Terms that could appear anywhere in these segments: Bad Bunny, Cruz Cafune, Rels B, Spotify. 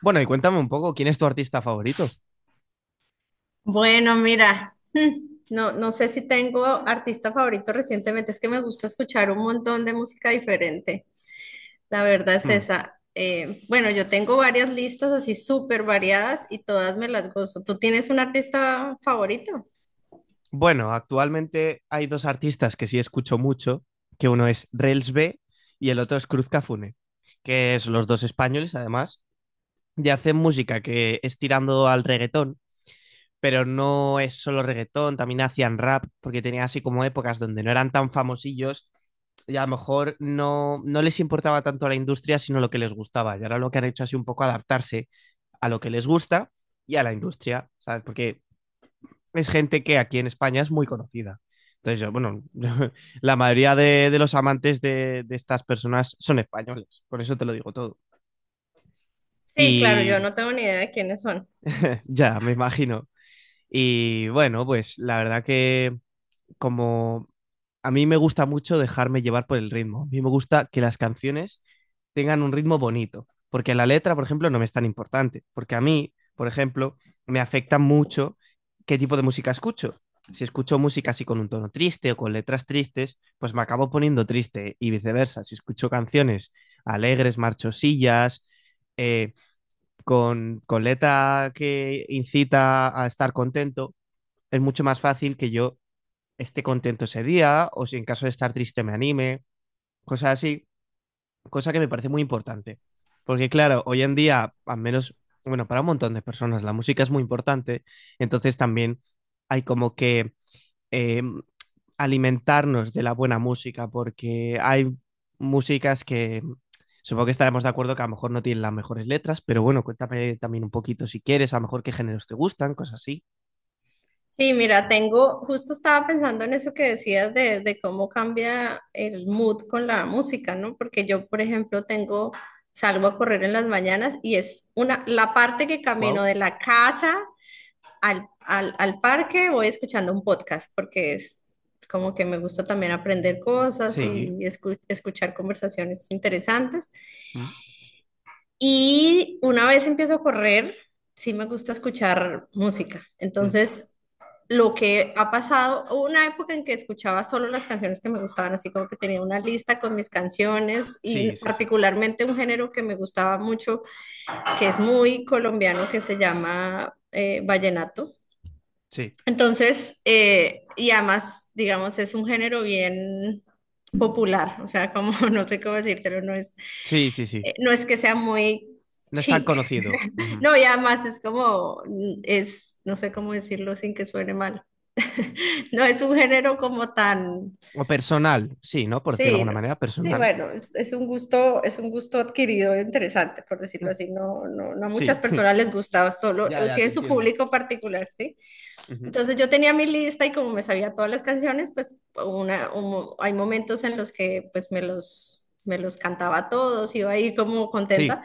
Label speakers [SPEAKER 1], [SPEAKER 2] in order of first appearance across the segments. [SPEAKER 1] Bueno, y cuéntame un poco, ¿quién es tu artista favorito?
[SPEAKER 2] Bueno, mira, no sé si tengo artista favorito recientemente, es que me gusta escuchar un montón de música diferente, la verdad es
[SPEAKER 1] Hmm.
[SPEAKER 2] esa. Bueno, yo tengo varias listas así súper variadas y todas me las gozo. ¿Tú tienes un artista favorito?
[SPEAKER 1] Bueno, actualmente hay dos artistas que sí escucho mucho, que uno es Rels B y el otro es Cruz Cafune, que es los dos españoles además, y hacen música que es tirando al reggaetón, pero no es solo reggaetón, también hacían rap, porque tenían así como épocas donde no eran tan famosillos y a lo mejor no les importaba tanto la industria, sino lo que les gustaba. Y ahora lo que han hecho es un poco adaptarse a lo que les gusta y a la industria, ¿sabes? Porque es gente que aquí en España es muy conocida. Entonces, yo, bueno, la mayoría de los amantes de estas personas son españoles, por eso te lo digo todo.
[SPEAKER 2] Sí, claro,
[SPEAKER 1] Y
[SPEAKER 2] yo no tengo ni idea de quiénes son.
[SPEAKER 1] ya, me imagino. Y bueno, pues la verdad que como a mí me gusta mucho dejarme llevar por el ritmo. A mí me gusta que las canciones tengan un ritmo bonito, porque la letra, por ejemplo, no me es tan importante, porque a mí, por ejemplo, me afecta mucho qué tipo de música escucho. Si escucho música así con un tono triste o con letras tristes, pues me acabo poniendo triste y viceversa. Si escucho canciones alegres, marchosillas, eh, con letra que incita a estar contento, es mucho más fácil que yo esté contento ese día o si en caso de estar triste me anime, cosas así, cosa que me parece muy importante. Porque claro, hoy en día, al menos, bueno, para un montón de personas la música es muy importante, entonces también hay como que eh, alimentarnos de la buena música porque hay músicas que supongo que estaremos de acuerdo que a lo mejor no tienen las mejores letras, pero bueno, cuéntame también un poquito si quieres, a lo mejor qué géneros te gustan, cosas así.
[SPEAKER 2] Sí, mira, justo estaba pensando en eso que decías de cómo cambia el mood con la música, ¿no? Porque yo, por ejemplo, salgo a correr en las mañanas y es una, la parte que camino
[SPEAKER 1] Wow.
[SPEAKER 2] de la casa al parque voy escuchando un podcast, porque es como que me gusta también aprender cosas y
[SPEAKER 1] Sí.
[SPEAKER 2] escuchar conversaciones interesantes.
[SPEAKER 1] Mm,
[SPEAKER 2] Y una vez empiezo a correr, sí me gusta escuchar música.
[SPEAKER 1] mm.
[SPEAKER 2] Entonces lo que ha pasado, una época en que escuchaba solo las canciones que me gustaban, así como que tenía una lista con mis canciones y
[SPEAKER 1] Sí, sí, sí.
[SPEAKER 2] particularmente un género que me gustaba mucho, que es muy colombiano, que se llama vallenato.
[SPEAKER 1] Sí.
[SPEAKER 2] Entonces, y además, digamos, es un género bien popular, o sea, como no sé cómo decírtelo,
[SPEAKER 1] Sí, sí, sí.
[SPEAKER 2] no es que sea muy
[SPEAKER 1] No es tan
[SPEAKER 2] chic,
[SPEAKER 1] conocido. Ujú.
[SPEAKER 2] no, y además es como, es, no sé cómo decirlo sin que suene mal. No es un género como tan,
[SPEAKER 1] O personal, sí, ¿no? Por decirlo de
[SPEAKER 2] sí,
[SPEAKER 1] alguna
[SPEAKER 2] no.
[SPEAKER 1] manera,
[SPEAKER 2] Sí,
[SPEAKER 1] personal.
[SPEAKER 2] bueno, es un gusto adquirido interesante, por decirlo así. No, no, no a muchas
[SPEAKER 1] Sí.
[SPEAKER 2] personas les gusta, solo
[SPEAKER 1] Ya, ya, te
[SPEAKER 2] tiene su
[SPEAKER 1] entiendo.
[SPEAKER 2] público particular, ¿sí?
[SPEAKER 1] Ujú.
[SPEAKER 2] Entonces yo tenía mi lista y como me sabía todas las canciones, pues una, un hay momentos en los que pues me los cantaba todos, iba ahí como
[SPEAKER 1] Sí.
[SPEAKER 2] contenta,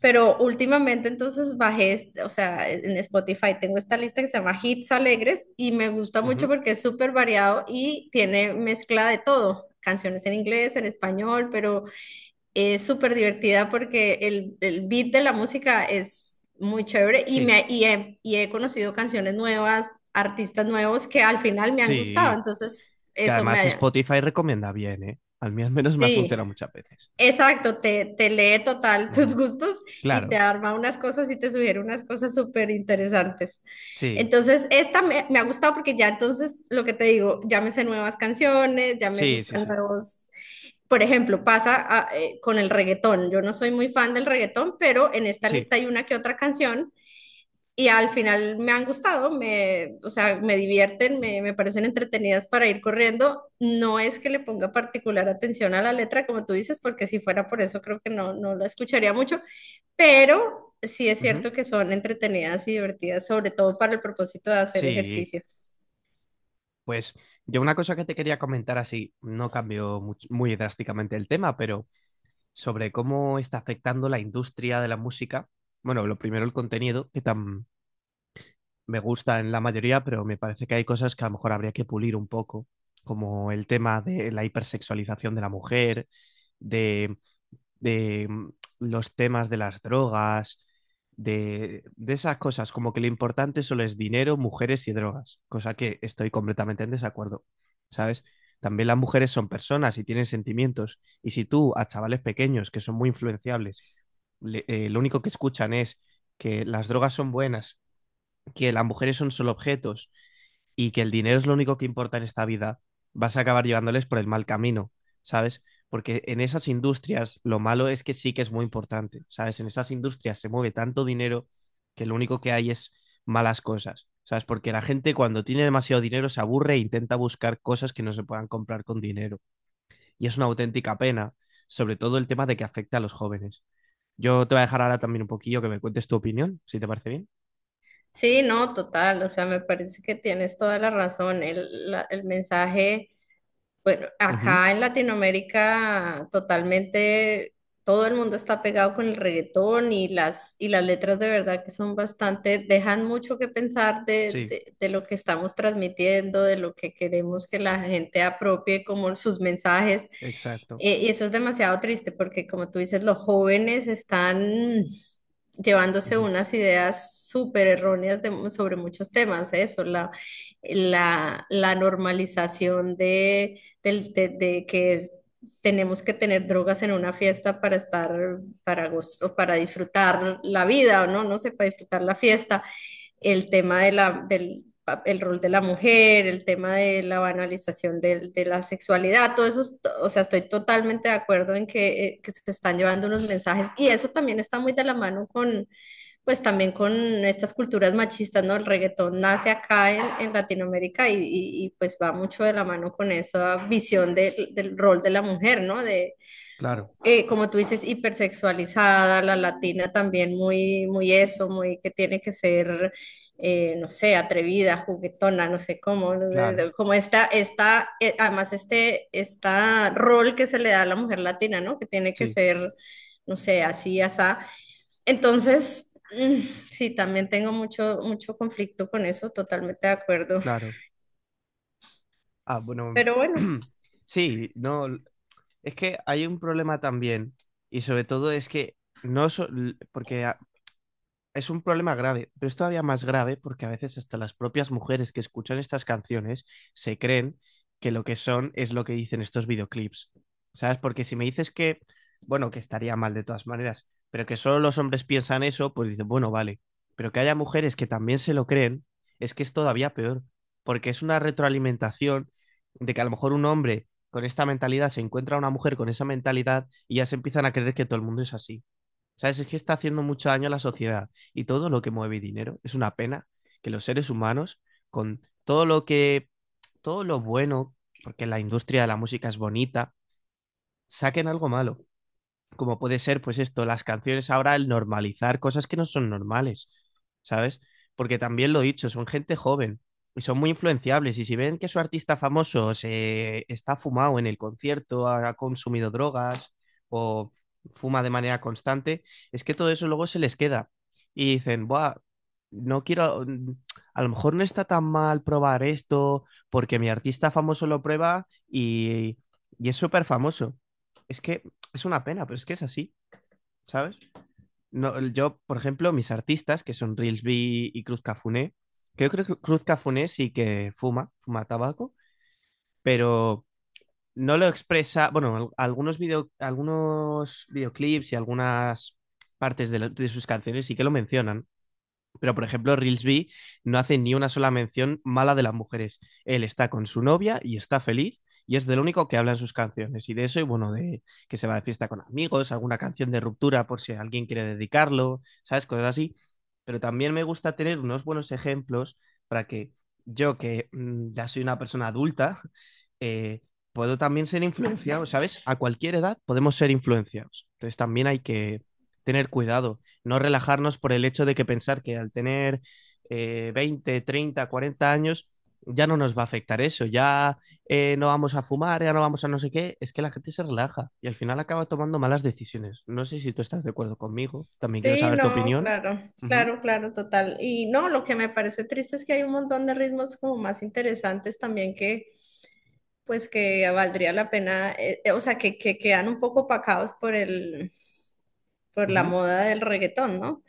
[SPEAKER 2] pero últimamente entonces o sea, en Spotify tengo esta lista que se llama Hits Alegres y me gusta mucho
[SPEAKER 1] Ujú.
[SPEAKER 2] porque es súper variado y tiene mezcla de todo, canciones en inglés, en español, pero es súper divertida porque el beat de la música es muy chévere
[SPEAKER 1] Sí.
[SPEAKER 2] y he conocido canciones nuevas, artistas nuevos que al final me han gustado.
[SPEAKER 1] Sí.
[SPEAKER 2] Entonces,
[SPEAKER 1] Que
[SPEAKER 2] eso me
[SPEAKER 1] además
[SPEAKER 2] ha...
[SPEAKER 1] Spotify recomienda bien, ¿eh? A mí al menos me ha
[SPEAKER 2] Sí.
[SPEAKER 1] funcionado muchas veces.
[SPEAKER 2] Exacto, te lee total tus
[SPEAKER 1] Ujú.
[SPEAKER 2] gustos y te
[SPEAKER 1] Claro.
[SPEAKER 2] arma unas cosas y te sugiere unas cosas súper interesantes.
[SPEAKER 1] Sí.
[SPEAKER 2] Entonces, me ha gustado porque ya entonces, lo que te digo, ya me sé nuevas canciones, ya me
[SPEAKER 1] Sí, sí,
[SPEAKER 2] gustan
[SPEAKER 1] sí.
[SPEAKER 2] nuevos... Por ejemplo, con el reggaetón. Yo no soy muy fan del reggaetón, pero en esta
[SPEAKER 1] Sí.
[SPEAKER 2] lista hay una que otra canción y al final me han o sea, me me parecen entretenidas para ir corriendo. No es que le ponga particular atención a la letra, como tú dices, porque si fuera por eso creo que no, no la escucharía mucho, pero sí es
[SPEAKER 1] Ujú.
[SPEAKER 2] cierto que son entretenidas y divertidas, sobre todo para el propósito de hacer
[SPEAKER 1] Sí.
[SPEAKER 2] ejercicio.
[SPEAKER 1] Pues yo una cosa que te quería comentar así, no cambió muy drásticamente el tema, pero sobre cómo está afectando la industria de la música. Bueno, lo primero el contenido, que tan me gusta en la mayoría, pero me parece que hay cosas que a lo mejor habría que pulir un poco, como el tema de la hipersexualización de la mujer, de, de los temas de las drogas, de esas cosas, como que lo importante solo es dinero, mujeres y drogas, cosa que estoy completamente en desacuerdo, ¿sabes? También las mujeres son personas y tienen sentimientos, y si tú a chavales pequeños que son muy influenciables, lo único que escuchan es que las drogas son buenas, que las mujeres son solo objetos y que el dinero es lo único que importa en esta vida, vas a acabar llevándoles por el mal camino, ¿sabes? Porque en esas industrias lo malo es que sí que es muy importante, ¿sabes? En esas industrias se mueve tanto dinero que lo único que hay es malas cosas, ¿sabes? Porque la gente cuando tiene demasiado dinero se aburre e intenta buscar cosas que no se puedan comprar con dinero. Y es una auténtica pena, sobre todo el tema de que afecta a los jóvenes. Yo te voy a dejar ahora también un poquillo que me cuentes tu opinión, si te parece bien.
[SPEAKER 2] Sí, no, total, o sea, me parece que tienes toda la razón. El mensaje. Bueno,
[SPEAKER 1] Ujú,
[SPEAKER 2] acá en Latinoamérica totalmente todo el mundo está pegado con el reggaetón y y las letras de verdad que son bastante, dejan mucho que pensar
[SPEAKER 1] sí,
[SPEAKER 2] de lo que estamos transmitiendo, de lo que queremos que la gente apropie como sus mensajes.
[SPEAKER 1] exacto.
[SPEAKER 2] Y eso es demasiado triste porque como tú dices, los jóvenes están llevándose
[SPEAKER 1] Ujú,
[SPEAKER 2] unas ideas súper erróneas sobre muchos temas, ¿eh? La normalización de que tenemos que tener drogas en una fiesta para estar, para gozo, para disfrutar la vida, o no, no sé, para disfrutar la fiesta, el tema de la, del el rol de la mujer, el tema de la banalización la sexualidad, todo eso, o sea, estoy totalmente de acuerdo en que se están llevando unos mensajes y eso también está muy de la mano con pues también con estas culturas machistas, ¿no? El reggaetón nace acá en Latinoamérica pues va mucho de la mano con esa visión del rol de la mujer, ¿no? De,
[SPEAKER 1] claro,
[SPEAKER 2] como tú dices, hipersexualizada, la latina también muy eso, muy que tiene que ser, no sé, atrevida, juguetona, no sé cómo, ¿no?
[SPEAKER 1] claro,
[SPEAKER 2] Como además esta rol que se le da a la mujer latina, ¿no? Que tiene que
[SPEAKER 1] sí,
[SPEAKER 2] ser, no sé, así, asá. Entonces, mm, sí, también tengo mucho conflicto con eso, totalmente de acuerdo.
[SPEAKER 1] claro. Ah, bueno,
[SPEAKER 2] Pero bueno,
[SPEAKER 1] sí, no, l- es que hay un problema también y sobre todo es que no, so- l- porque a- es un problema grave, pero es todavía más grave porque a veces hasta las propias mujeres que escuchan estas canciones se creen que lo que son es lo que dicen estos videoclips. ¿Sabes? Porque si me dices que, bueno, que estaría mal de todas maneras, pero que solo los hombres piensan eso, pues dicen, bueno, vale. Pero que haya mujeres que también se lo creen, es que es todavía peor, porque es una retroalimentación de que a lo mejor un hombre con esta mentalidad se encuentra a una mujer con esa mentalidad y ya se empiezan a creer que todo el mundo es así. ¿Sabes? Es que está haciendo mucho daño a la sociedad y todo lo que mueve dinero. Es una pena que los seres humanos, con todo lo bueno, porque la industria de la música es bonita, saquen algo malo como puede ser, pues esto, las canciones ahora, el normalizar cosas que no son normales, ¿sabes? Porque también lo he dicho, son gente joven y son muy influenciables. Y si ven que su artista famoso se está fumado en el concierto, ha consumido drogas o fuma de manera constante, es que todo eso luego se les queda. Y dicen, buah, no quiero, a lo mejor no está tan mal probar esto, porque mi artista famoso lo prueba y es súper famoso. Es que es una pena, pero es que es así, ¿sabes? No, yo, por ejemplo, mis artistas, que son Reelsby y Cruz Cafuné, que yo creo que Cruz Cafuné sí que fuma, fuma tabaco, pero no lo expresa, bueno, algunos videoclips y algunas partes de sus canciones sí que lo mencionan, pero, por ejemplo, Reelsby no hace ni una sola mención mala de las mujeres. Él está con su novia y está feliz y es del único que habla en sus canciones. Y de eso, y bueno, de que se va de fiesta con amigos, alguna canción de ruptura por si alguien quiere dedicarlo, ¿sabes? Cosas así. Pero también me gusta tener unos buenos ejemplos para que yo, que ya soy una persona adulta, eh, puedo también ser influenciado, ¿sabes? A cualquier edad podemos ser influenciados. Entonces también hay que tener cuidado no relajarnos por el hecho de que pensar que al tener 20, 30, 40 años ya no nos va a afectar eso, ya no vamos a fumar, ya no vamos a no sé qué, es que la gente se relaja y al final acaba tomando malas decisiones. No sé si tú estás de acuerdo conmigo, también quiero
[SPEAKER 2] sí,
[SPEAKER 1] saber tu
[SPEAKER 2] no,
[SPEAKER 1] opinión.
[SPEAKER 2] claro,
[SPEAKER 1] Ujú,
[SPEAKER 2] claro, claro, total. Y no, lo que me parece triste es que hay un montón de ritmos como más interesantes también que, pues que valdría la pena, o sea, que quedan un poco opacados por por la
[SPEAKER 1] ujú,
[SPEAKER 2] moda del reggaetón, ¿no?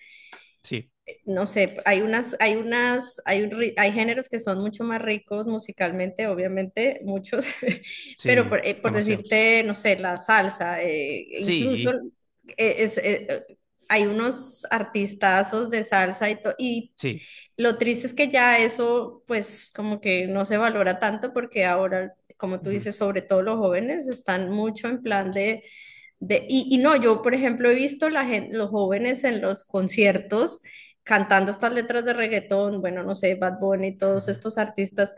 [SPEAKER 1] sí,
[SPEAKER 2] No sé, hay unas, hay unas, hay, un ri- hay géneros que son mucho más ricos musicalmente, obviamente, muchos, pero
[SPEAKER 1] sí,
[SPEAKER 2] por
[SPEAKER 1] demasiados.
[SPEAKER 2] decirte, no sé, la salsa, incluso
[SPEAKER 1] Sí,
[SPEAKER 2] eh, es- eh, eh, hay unos artistazos de salsa y
[SPEAKER 1] sí.
[SPEAKER 2] lo triste es que ya eso, pues, como que no se valora tanto porque ahora, como tú
[SPEAKER 1] Ujú,
[SPEAKER 2] dices, sobre todo los jóvenes están mucho en plan de no, yo por ejemplo he visto los jóvenes en los conciertos cantando estas letras de reggaetón, bueno, no sé, Bad Bunny, todos
[SPEAKER 1] ujú,
[SPEAKER 2] estos artistas,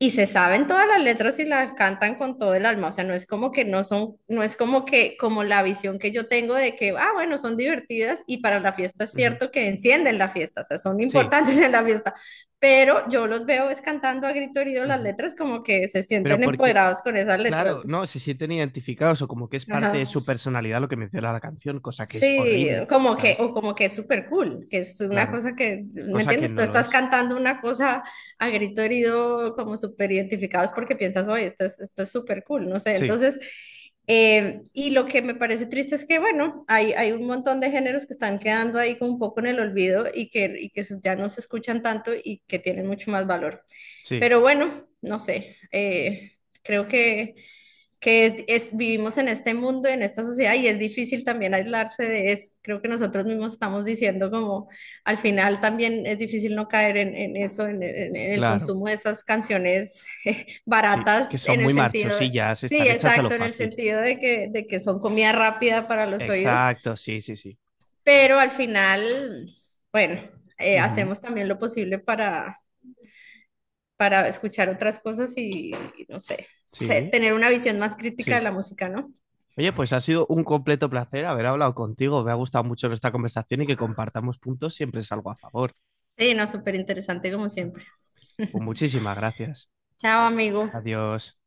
[SPEAKER 2] y se saben todas las letras y las cantan con todo el alma, o sea, no es como que no son, no es como que, como la visión que yo tengo de que, ah, bueno, son divertidas y para la fiesta es
[SPEAKER 1] ujú,
[SPEAKER 2] cierto que encienden la fiesta, o sea, son
[SPEAKER 1] sí.
[SPEAKER 2] importantes en la fiesta, pero yo los veo es cantando a grito herido las
[SPEAKER 1] Ujú.
[SPEAKER 2] letras como que se
[SPEAKER 1] Pero
[SPEAKER 2] sienten
[SPEAKER 1] porque,
[SPEAKER 2] empoderados con esas letras.
[SPEAKER 1] claro, no, se sienten identificados o como que es parte de
[SPEAKER 2] Ajá.
[SPEAKER 1] su personalidad lo que menciona la canción, cosa que es
[SPEAKER 2] Sí,
[SPEAKER 1] horrible,
[SPEAKER 2] como que,
[SPEAKER 1] ¿sabes?
[SPEAKER 2] o como que es súper cool, que es una
[SPEAKER 1] Claro,
[SPEAKER 2] cosa que, ¿me
[SPEAKER 1] cosa que
[SPEAKER 2] entiendes? Tú
[SPEAKER 1] no lo
[SPEAKER 2] estás
[SPEAKER 1] es.
[SPEAKER 2] cantando una cosa a grito herido, como súper identificados porque piensas, oye, esto es súper cool, no sé.
[SPEAKER 1] Sí,
[SPEAKER 2] Entonces, y lo que me parece triste es que, bueno, hay un montón de géneros que están quedando ahí como un poco en el olvido y que ya no se escuchan tanto y que tienen mucho más valor.
[SPEAKER 1] sí,
[SPEAKER 2] Pero bueno, no sé, creo que vivimos en este mundo, en esta sociedad, y es difícil también aislarse de eso. Creo que nosotros mismos estamos diciendo como al final también es difícil no caer en eso, en el
[SPEAKER 1] claro.
[SPEAKER 2] consumo de esas canciones
[SPEAKER 1] Sí, es que
[SPEAKER 2] baratas,
[SPEAKER 1] son
[SPEAKER 2] en el
[SPEAKER 1] muy
[SPEAKER 2] sentido,
[SPEAKER 1] marchosillas,
[SPEAKER 2] sí,
[SPEAKER 1] están hechas a lo
[SPEAKER 2] exacto, en el
[SPEAKER 1] fácil.
[SPEAKER 2] sentido de que son comida rápida para los oídos,
[SPEAKER 1] Exacto, sí, sí, sí.
[SPEAKER 2] pero al final, bueno,
[SPEAKER 1] Ujú,
[SPEAKER 2] hacemos también lo posible para escuchar otras cosas y no sé,
[SPEAKER 1] sí,
[SPEAKER 2] tener una visión más crítica de
[SPEAKER 1] sí.
[SPEAKER 2] la música, ¿no?
[SPEAKER 1] Oye, pues ha sido un completo placer haber hablado contigo. Me ha gustado mucho nuestra conversación y que compartamos puntos siempre es algo a favor.
[SPEAKER 2] Sí, no, súper interesante como siempre.
[SPEAKER 1] Pues muchísimas gracias.
[SPEAKER 2] Chao, amigo.
[SPEAKER 1] Adiós.